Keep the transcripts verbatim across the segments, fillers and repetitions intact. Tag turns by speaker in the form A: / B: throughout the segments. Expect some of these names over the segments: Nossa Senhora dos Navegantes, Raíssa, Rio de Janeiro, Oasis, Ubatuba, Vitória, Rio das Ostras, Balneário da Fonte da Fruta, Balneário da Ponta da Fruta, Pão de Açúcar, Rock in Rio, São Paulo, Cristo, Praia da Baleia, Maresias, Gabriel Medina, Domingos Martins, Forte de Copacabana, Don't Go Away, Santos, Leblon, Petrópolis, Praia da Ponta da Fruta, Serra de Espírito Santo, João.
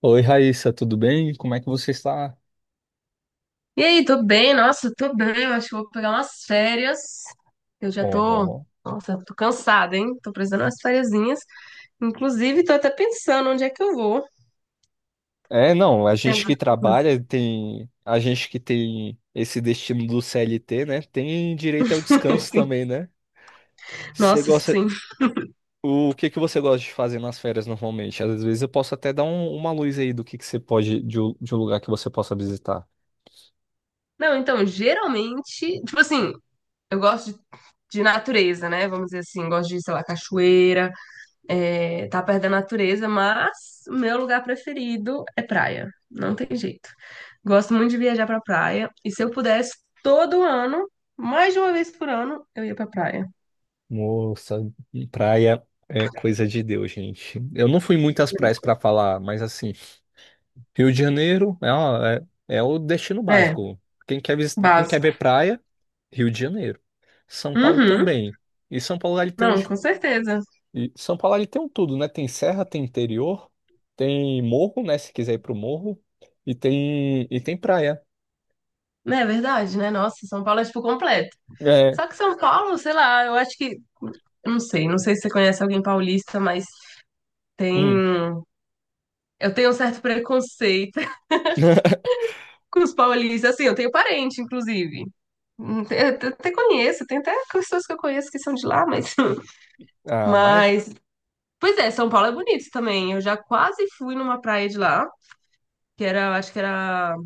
A: Oi, Raíssa, tudo bem? Como é que você está?
B: E aí, tô bem, nossa, tô bem, eu acho que vou pegar umas férias. Eu já tô,
A: Uhum.
B: nossa, tô cansada, hein? Tô precisando de umas fériasinhas. Inclusive, tô até pensando onde é que eu vou.
A: É, não, a
B: Tem
A: gente
B: algum-
A: que trabalha tem, a gente que tem esse destino do C L T, né? Tem direito ao descanso
B: assim,
A: também, né? Você
B: nossa,
A: gosta,
B: sim.
A: o que que você gosta de fazer nas férias normalmente? Às vezes eu posso até dar um- uma luz aí do que que você pode, de, um de um lugar que você possa visitar.
B: Não, então, geralmente, tipo assim, eu gosto de, de natureza, né? Vamos dizer assim, gosto de, sei lá, cachoeira. É, tá perdendo a natureza, mas o meu lugar preferido é praia. Não tem jeito. Gosto muito de viajar pra praia. E se eu pudesse, todo ano, mais de uma vez por ano, eu ia pra praia.
A: Moça, praia é coisa de Deus, gente. Eu não fui em muitas praias para falar, mas assim, Rio de Janeiro é, uma- é, é o destino
B: É,
A: básico. Quem quer, vis- quem quer
B: básico.
A: ver praia, Rio de Janeiro. São Paulo
B: Uhum.
A: também. E São Paulo ele tem um,
B: Não,
A: de-
B: com certeza.
A: e São Paulo ele tem um tudo, né? Tem serra, tem interior, tem morro, né? Se quiser ir pro morro, e tem e tem praia.
B: Não é verdade, né? Nossa, São Paulo é tipo completo.
A: É,
B: Só que São Paulo, sei lá, eu acho que. Eu Não sei, não sei se você conhece alguém paulista, mas tem.
A: hum.
B: Eu tenho um certo preconceito com os paulistas. Assim, eu tenho parente, inclusive. Hum, Eu até conheço, tem até pessoas que eu conheço que são de lá, mas.
A: Ah, mas
B: Mas. Pois é, São Paulo é bonito também. Eu já quase fui numa praia de lá, que era, acho que era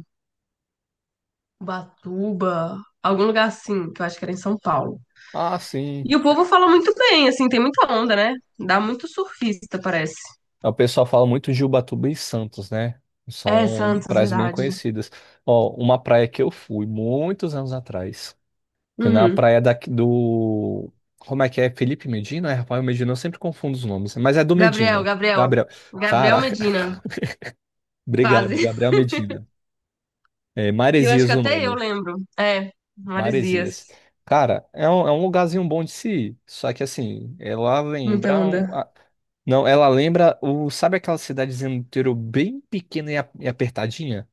B: Ubatuba, algum lugar assim, que eu acho que era em São Paulo.
A: ah, sim.
B: E o povo fala muito bem, assim, tem muita onda, né? Dá muito surfista, parece.
A: É, o pessoal fala muito de Ubatuba e Santos, né?
B: É,
A: São
B: Santos,
A: praias bem
B: verdade.
A: conhecidas. Ó, uma praia que eu fui muitos anos atrás. Fui na
B: Uhum.
A: praia da, do. Como é que é? Felipe Medina? É, Rafael Medina, eu sempre confundo os nomes. Mas é do
B: Gabriel,
A: Medina.
B: Gabriel.
A: Gabriel.
B: Gabriel
A: Caraca,
B: Medina,
A: obrigado,
B: quase.
A: Gabriel Medina. É,
B: Eu acho
A: Maresias
B: que
A: o
B: até eu
A: nome.
B: lembro. É, Maresias.
A: Maresias. Cara, é um, é um lugarzinho bom de se ir. Só que assim, ela
B: Muita
A: lembra. um-
B: onda.
A: a- Não, ela lembra o. Sabe aquela cidadezinha no interior bem pequena e a- e apertadinha?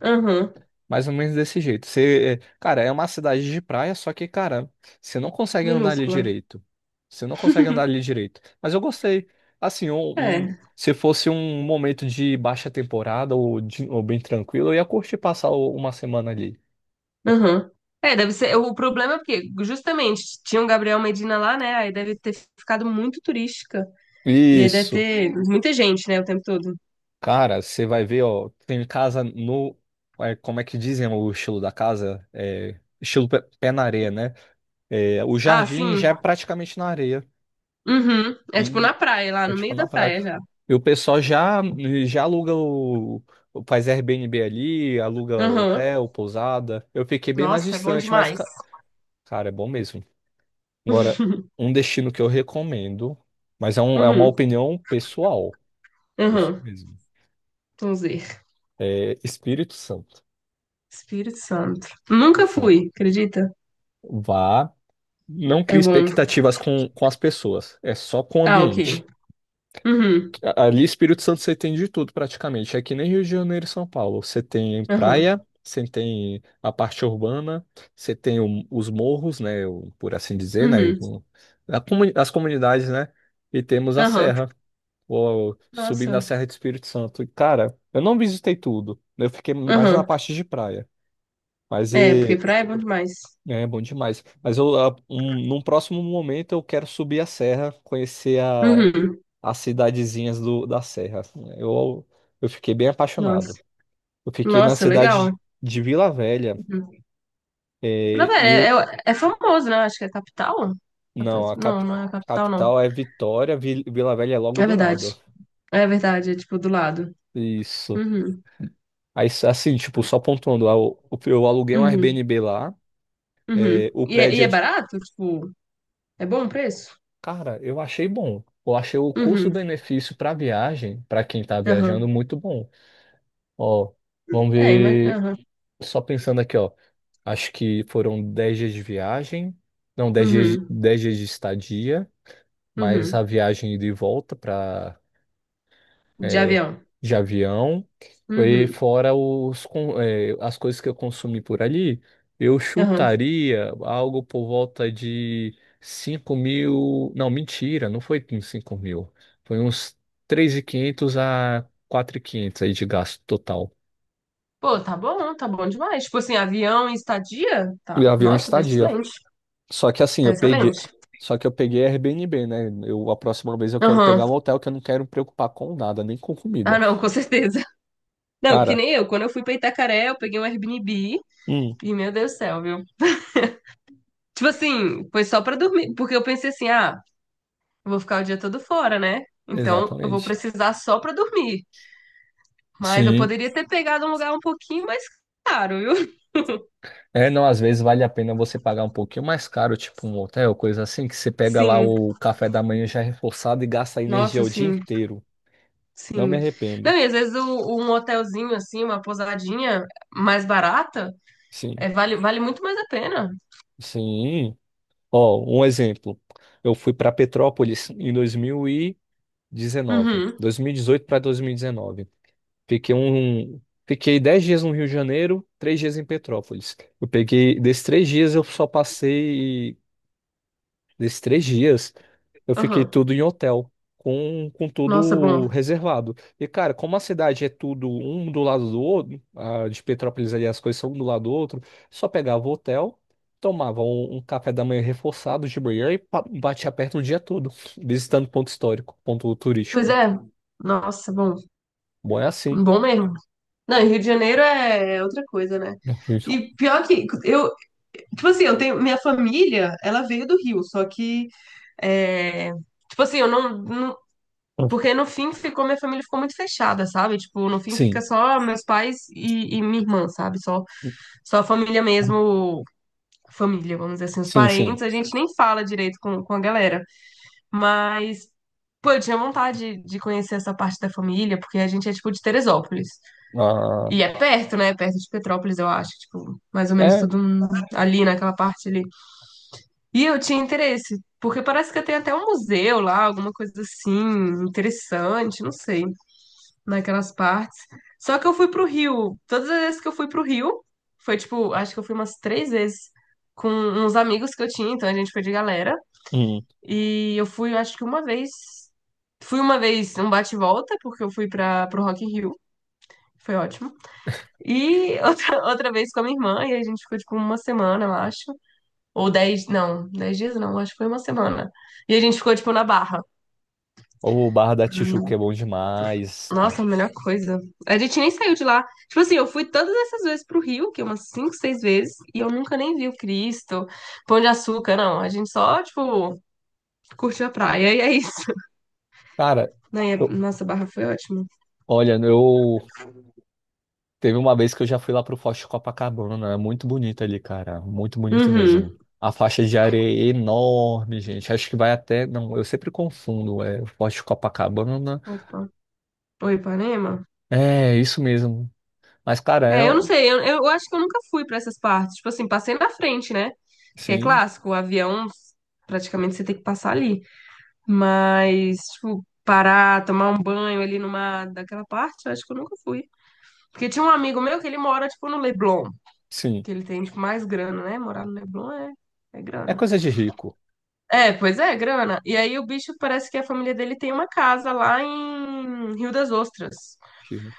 B: Aham,
A: Mais ou menos desse jeito. Você, cara, é uma cidade de praia, só que, cara, você não consegue andar ali
B: minúscula.
A: direito. Você não consegue andar ali direito. Mas eu gostei. Assim, um- um-
B: É.
A: se fosse um momento de baixa temporada ou, de- ou bem tranquilo, eu ia curtir passar o- uma semana ali.
B: Aham. É, deve ser. O problema é porque, justamente, tinha um Gabriel Medina lá, né? Aí deve ter ficado muito turística. E aí deve
A: Isso.
B: ter muita gente, né, o tempo todo.
A: Cara, você vai ver, ó, tem casa no. É, como é que dizem o estilo da casa? É, estilo pé, pé na areia, né? É, o
B: Ah,
A: jardim
B: sim.
A: já é praticamente na areia.
B: Uhum. É tipo na praia, lá
A: É
B: no
A: tipo
B: meio
A: na
B: da
A: praia.
B: praia já.
A: E o pessoal já, já aluga o. Faz Airbnb ali, aluga
B: Aham.
A: hotel, pousada. Eu fiquei bem mais
B: Nossa, é bom
A: distante, mas,
B: demais.
A: ca- cara, é bom mesmo. Agora, um destino que eu recomendo, mas é, um, é uma
B: Uhum.
A: opinião pessoal. Pessoal
B: Aham.
A: mesmo.
B: Vamos ver.
A: É Espírito Santo.
B: Espírito Santo. Nunca
A: Espírito Santo.
B: fui, acredita?
A: Vá. Não
B: É
A: crie
B: bom.
A: expectativas com, com as pessoas. É só com o
B: Ah, ok.
A: ambiente.
B: Uhum.
A: A- Ali, Espírito Santo, você tem de tudo praticamente. É que nem Rio de Janeiro e São Paulo. Você tem
B: Aham.
A: praia, você tem a parte urbana, você tem o- os morros, né? O- por assim dizer, né?
B: Uhum.
A: O- a comuni- as comunidades, né? E temos a
B: Aham.
A: serra, ou, subindo a
B: Nossa.
A: Serra de Espírito Santo. E, cara, eu não visitei tudo. Né? Eu fiquei mais na
B: Aham.
A: parte de praia. Mas
B: É, porque
A: e-
B: praia é bom demais.
A: né, é bom demais. Mas eu, a- um- num próximo momento eu quero subir a serra, conhecer a
B: Uhum.
A: as cidadezinhas do, da Serra, assim, né? Eu, eu fiquei bem apaixonado.
B: Nossa.
A: Eu fiquei na
B: Nossa, legal.
A: cidade de Vila Velha,
B: Uhum. Pra-
A: eh,
B: ver,
A: e
B: É, é,
A: o,
B: é famoso, né? Acho que é capital.
A: não,
B: Capaz-
A: a
B: Não,
A: cap-
B: não é a capital, não.
A: capital é Vitória, Vi- Vila Velha é logo
B: É
A: do
B: verdade.
A: lado.
B: É verdade, é tipo do lado.
A: Isso.
B: Uhum,
A: Aí, assim, tipo, só pontuando, eu, eu aluguei um
B: uhum,
A: Airbnb lá, eh,
B: uhum.
A: o
B: E é, e
A: prédio é
B: é
A: de...
B: barato? Tipo, é bom o preço?
A: Cara, eu achei bom. Eu achei o
B: Uhum,
A: custo-benefício para viagem, para quem tá viajando,
B: aham.
A: muito bom. Ó, vamos
B: É, imagina.
A: ver.
B: Aham,
A: Só pensando aqui, ó. Acho que foram dez dias de viagem. Não, dez dias, de-
B: uhum,
A: dez dias de estadia, mas
B: uhum.
A: a viagem ida e volta para
B: De avião.
A: de avião. E
B: Uhum,
A: fora os, con- é, as coisas que eu consumi por ali, eu
B: aham.
A: chutaria algo por volta de cinco mil. Não, mentira, não foi uns cinco mil. Foi uns três mil e quinhentos a quatro mil e quinhentos aí de gasto total.
B: Pô, tá bom, tá bom demais. Tipo assim, avião e estadia? Tá.
A: E avião e
B: Nossa, tá
A: estadia.
B: excelente.
A: Só que assim,
B: Tá
A: eu peguei.
B: excelente.
A: Só que eu peguei Airbnb, né? Eu, a próxima vez eu quero
B: Aham.
A: pegar um hotel que eu não quero me preocupar com nada, nem com
B: Ah,
A: comida.
B: não, com certeza. Não, que
A: Cara,
B: nem eu. Quando eu fui pra Itacaré, eu peguei um Airbnb.
A: hum,
B: E meu Deus do céu, viu? Tipo assim, foi só pra dormir. Porque eu pensei assim, ah, eu vou ficar o dia todo fora, né? Então eu vou
A: exatamente.
B: precisar só pra dormir. Mas eu
A: Sim.
B: poderia ter pegado um lugar um pouquinho mais caro, viu?
A: É, não, às vezes vale a pena você pagar um pouquinho mais caro, tipo um hotel, coisa assim, que você pega lá
B: Sim,
A: o café da manhã já reforçado e gasta energia
B: nossa,
A: o dia
B: sim,
A: inteiro. Não me
B: sim.
A: arrependo.
B: Não, e às vezes o- um hotelzinho, assim, uma pousadinha mais barata,
A: Sim.
B: é, vale, vale muito mais a pena.
A: Sim. Ó, um exemplo. Eu fui para Petrópolis em dois dois mil mil e dezenove,
B: Uhum,
A: dois mil e dezoito para dois mil dezenove. Fiquei um, fiquei dez dias no Rio de Janeiro, três dias em Petrópolis. Eu peguei, desses três dias eu só passei, desses três dias eu fiquei
B: uhum.
A: tudo em hotel, com, com
B: Nossa,
A: tudo
B: bom.
A: reservado. E cara, como a cidade é tudo um do lado do outro, a de Petrópolis ali as coisas são um do lado do outro, só pegava o hotel, tomava um, um café da manhã reforçado de manhã e pa- batia perto o dia todo, visitando ponto histórico, ponto
B: Pois
A: turístico.
B: é, nossa, bom.
A: Bom, é assim.
B: Bom mesmo. Não, e Rio de Janeiro é outra coisa, né? E pior que eu. Tipo assim, eu tenho, minha família, ela veio do Rio, só que, é, tipo assim, eu não, não- porque no fim ficou, minha família ficou muito fechada, sabe? Tipo, no fim fica
A: Sim.
B: só meus pais e, e minha irmã, sabe? Só, só a família mesmo, família, vamos dizer assim, os
A: Sim,
B: parentes,
A: sim.
B: a gente nem fala direito com, com a galera, mas. Pô, eu tinha vontade de conhecer essa parte da família, porque a gente é, tipo, de Teresópolis.
A: Ah,
B: E é perto, né? Perto de Petrópolis, eu acho. Tipo, mais ou menos
A: é.
B: tudo hum, ali naquela parte ali. E eu tinha interesse, porque parece que tem até um museu lá, alguma coisa assim, interessante, não sei, naquelas partes. Só que eu fui pro Rio, todas as vezes que eu fui pro Rio, foi tipo, acho que eu fui umas três vezes com uns amigos que eu tinha, então a gente foi de galera.
A: Hum.
B: E eu fui, acho que uma vez, fui uma vez um bate-volta, porque eu fui pra, pro Rock in Rio, foi ótimo. E outra, outra vez com a minha irmã, e a gente ficou tipo uma semana, eu acho. Ou dez não, dez dias não, acho que foi uma semana. E a gente ficou, tipo, na Barra.
A: O Barra da Tijuca
B: E,
A: é bom demais.
B: nossa, a melhor coisa. A gente nem saiu de lá. Tipo assim, eu fui todas essas vezes pro Rio, que é umas cinco seis vezes, e eu nunca nem vi o Cristo, Pão de Açúcar, não. A gente só, tipo, curtiu a praia e é isso.
A: Cara,
B: Né, e a-
A: eu-
B: Nossa, a Barra foi ótima.
A: olha, eu teve uma vez que eu já fui lá pro Forte de Copacabana. É muito bonito ali, cara. Muito bonito mesmo.
B: Uhum.
A: A faixa de areia é enorme, gente. Acho que vai até. Não, eu sempre confundo. É o Forte de Copacabana.
B: Opa. Oi, Ipanema?
A: É, isso mesmo. Mas, cara,
B: É, eu não
A: é...
B: sei, eu, eu acho que eu nunca fui pra essas partes. Tipo assim, passei na frente, né? Porque é
A: Sim,
B: clássico, o avião, praticamente você tem que passar ali. Mas, tipo, parar, tomar um banho ali numa daquela parte, eu acho que eu nunca fui. Porque tinha um amigo meu que ele mora, tipo, no Leblon,
A: sim.
B: que ele tem, tipo, mais grana, né? Morar no Leblon é, é
A: É
B: grana.
A: coisa de rico.
B: É, pois é, grana. E aí o bicho parece que a família dele tem uma casa lá em Rio das Ostras.
A: Rico.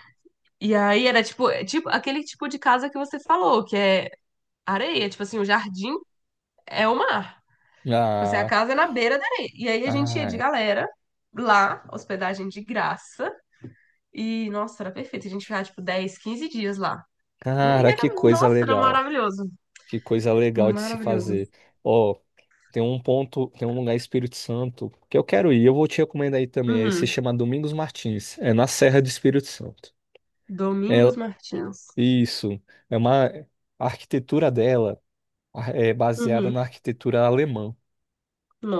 B: E aí era tipo, é tipo aquele tipo de casa que você falou, que é areia, tipo assim, o jardim é o mar. Tipo assim, a
A: Ah,
B: casa é na beira da areia. E aí a gente ia de
A: ai,
B: galera lá, hospedagem de graça. E, nossa, era perfeito. A gente ficava, tipo, dez quinze dias lá. E
A: cara, que
B: era,
A: coisa
B: nossa, era
A: legal.
B: maravilhoso.
A: Que coisa legal de se
B: Maravilhoso.
A: fazer. Ó, tem um ponto, tem um lugar em Espírito Santo que eu quero ir. Eu vou te recomendar aí também. é Esse se
B: Uhum.
A: chama Domingos Martins. É na Serra do Espírito Santo. É
B: Domingos Martins.
A: isso. É uma A arquitetura dela a- é baseada na
B: Uhum.
A: arquitetura alemã.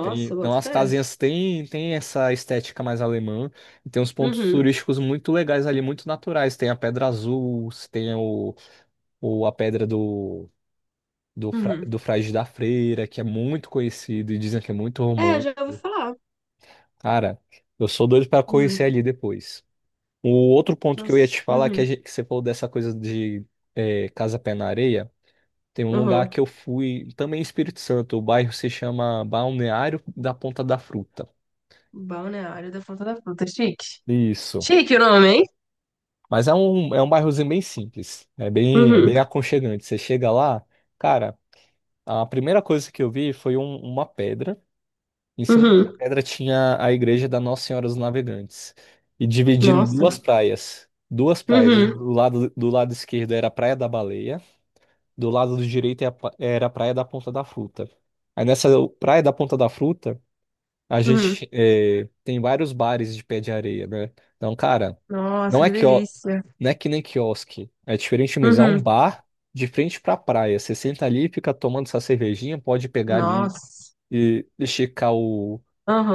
A: Tem, então
B: bota
A: as
B: fé.
A: casinhas têm tem essa estética mais alemã e tem uns pontos
B: Uhum.
A: turísticos muito legais ali, muito naturais. Tem a Pedra Azul, tem o, o a Pedra do do, Fra-
B: Uhum.
A: do Frade da Freira, que é muito conhecido e dizem que é muito
B: É, já ouvi
A: romântico.
B: falar.
A: Cara, eu sou doido para conhecer
B: Uhum.
A: ali depois. O outro ponto que eu ia
B: Nossa.
A: te falar, que, a
B: Uhum.
A: gente, que você falou dessa coisa de é, Casa Pé na Areia, tem um lugar
B: Uhum.
A: que eu fui, também em Espírito Santo, o bairro se chama Balneário da Ponta da Fruta.
B: Balneário da Fonte da Fruta. Chique.
A: Isso.
B: Chique o nome, hein?
A: Mas é um, é um bairrozinho bem simples, é bem, é
B: Uhum.
A: bem aconchegante. Você chega lá, cara, a primeira coisa que eu vi foi um- uma pedra. Em cima dessa
B: Uhum.
A: pedra tinha a igreja da Nossa Senhora dos Navegantes. E dividindo
B: Nossa.
A: duas praias. Duas praias. Do
B: Uhum.
A: lado, do lado esquerdo era a Praia da Baleia. Do lado do direito era a pa- era a Praia da Ponta da Fruta. Aí nessa Praia da Ponta da Fruta, a
B: Uhum.
A: gente eh, tem vários bares de pé de areia, né? Então, cara, não
B: Nossa,
A: é
B: que
A: que, não
B: delícia.
A: é que nem quiosque. É diferente mesmo. É um
B: Uhum.
A: bar de frente pra praia. Você senta ali, fica tomando essa cervejinha, pode pegar ali
B: Nossa.
A: e esticar o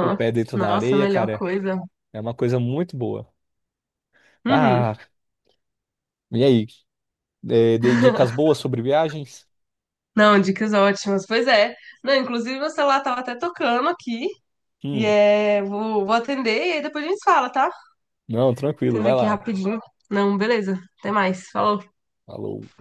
A: o pé dentro da
B: Nossa, a
A: areia,
B: melhor
A: cara,
B: coisa.
A: é uma coisa muito boa.
B: Uhum.
A: Ah, e aí? É, dei dicas boas sobre viagens?
B: Não, dicas ótimas. Pois é. Não, inclusive meu celular tava até tocando aqui. E
A: Hum,
B: é, vou, vou atender e aí depois a gente fala, tá?
A: não, tranquilo,
B: Atender
A: vai
B: aqui
A: lá.
B: rapidinho. Não, beleza. Até mais. Falou.
A: Falou.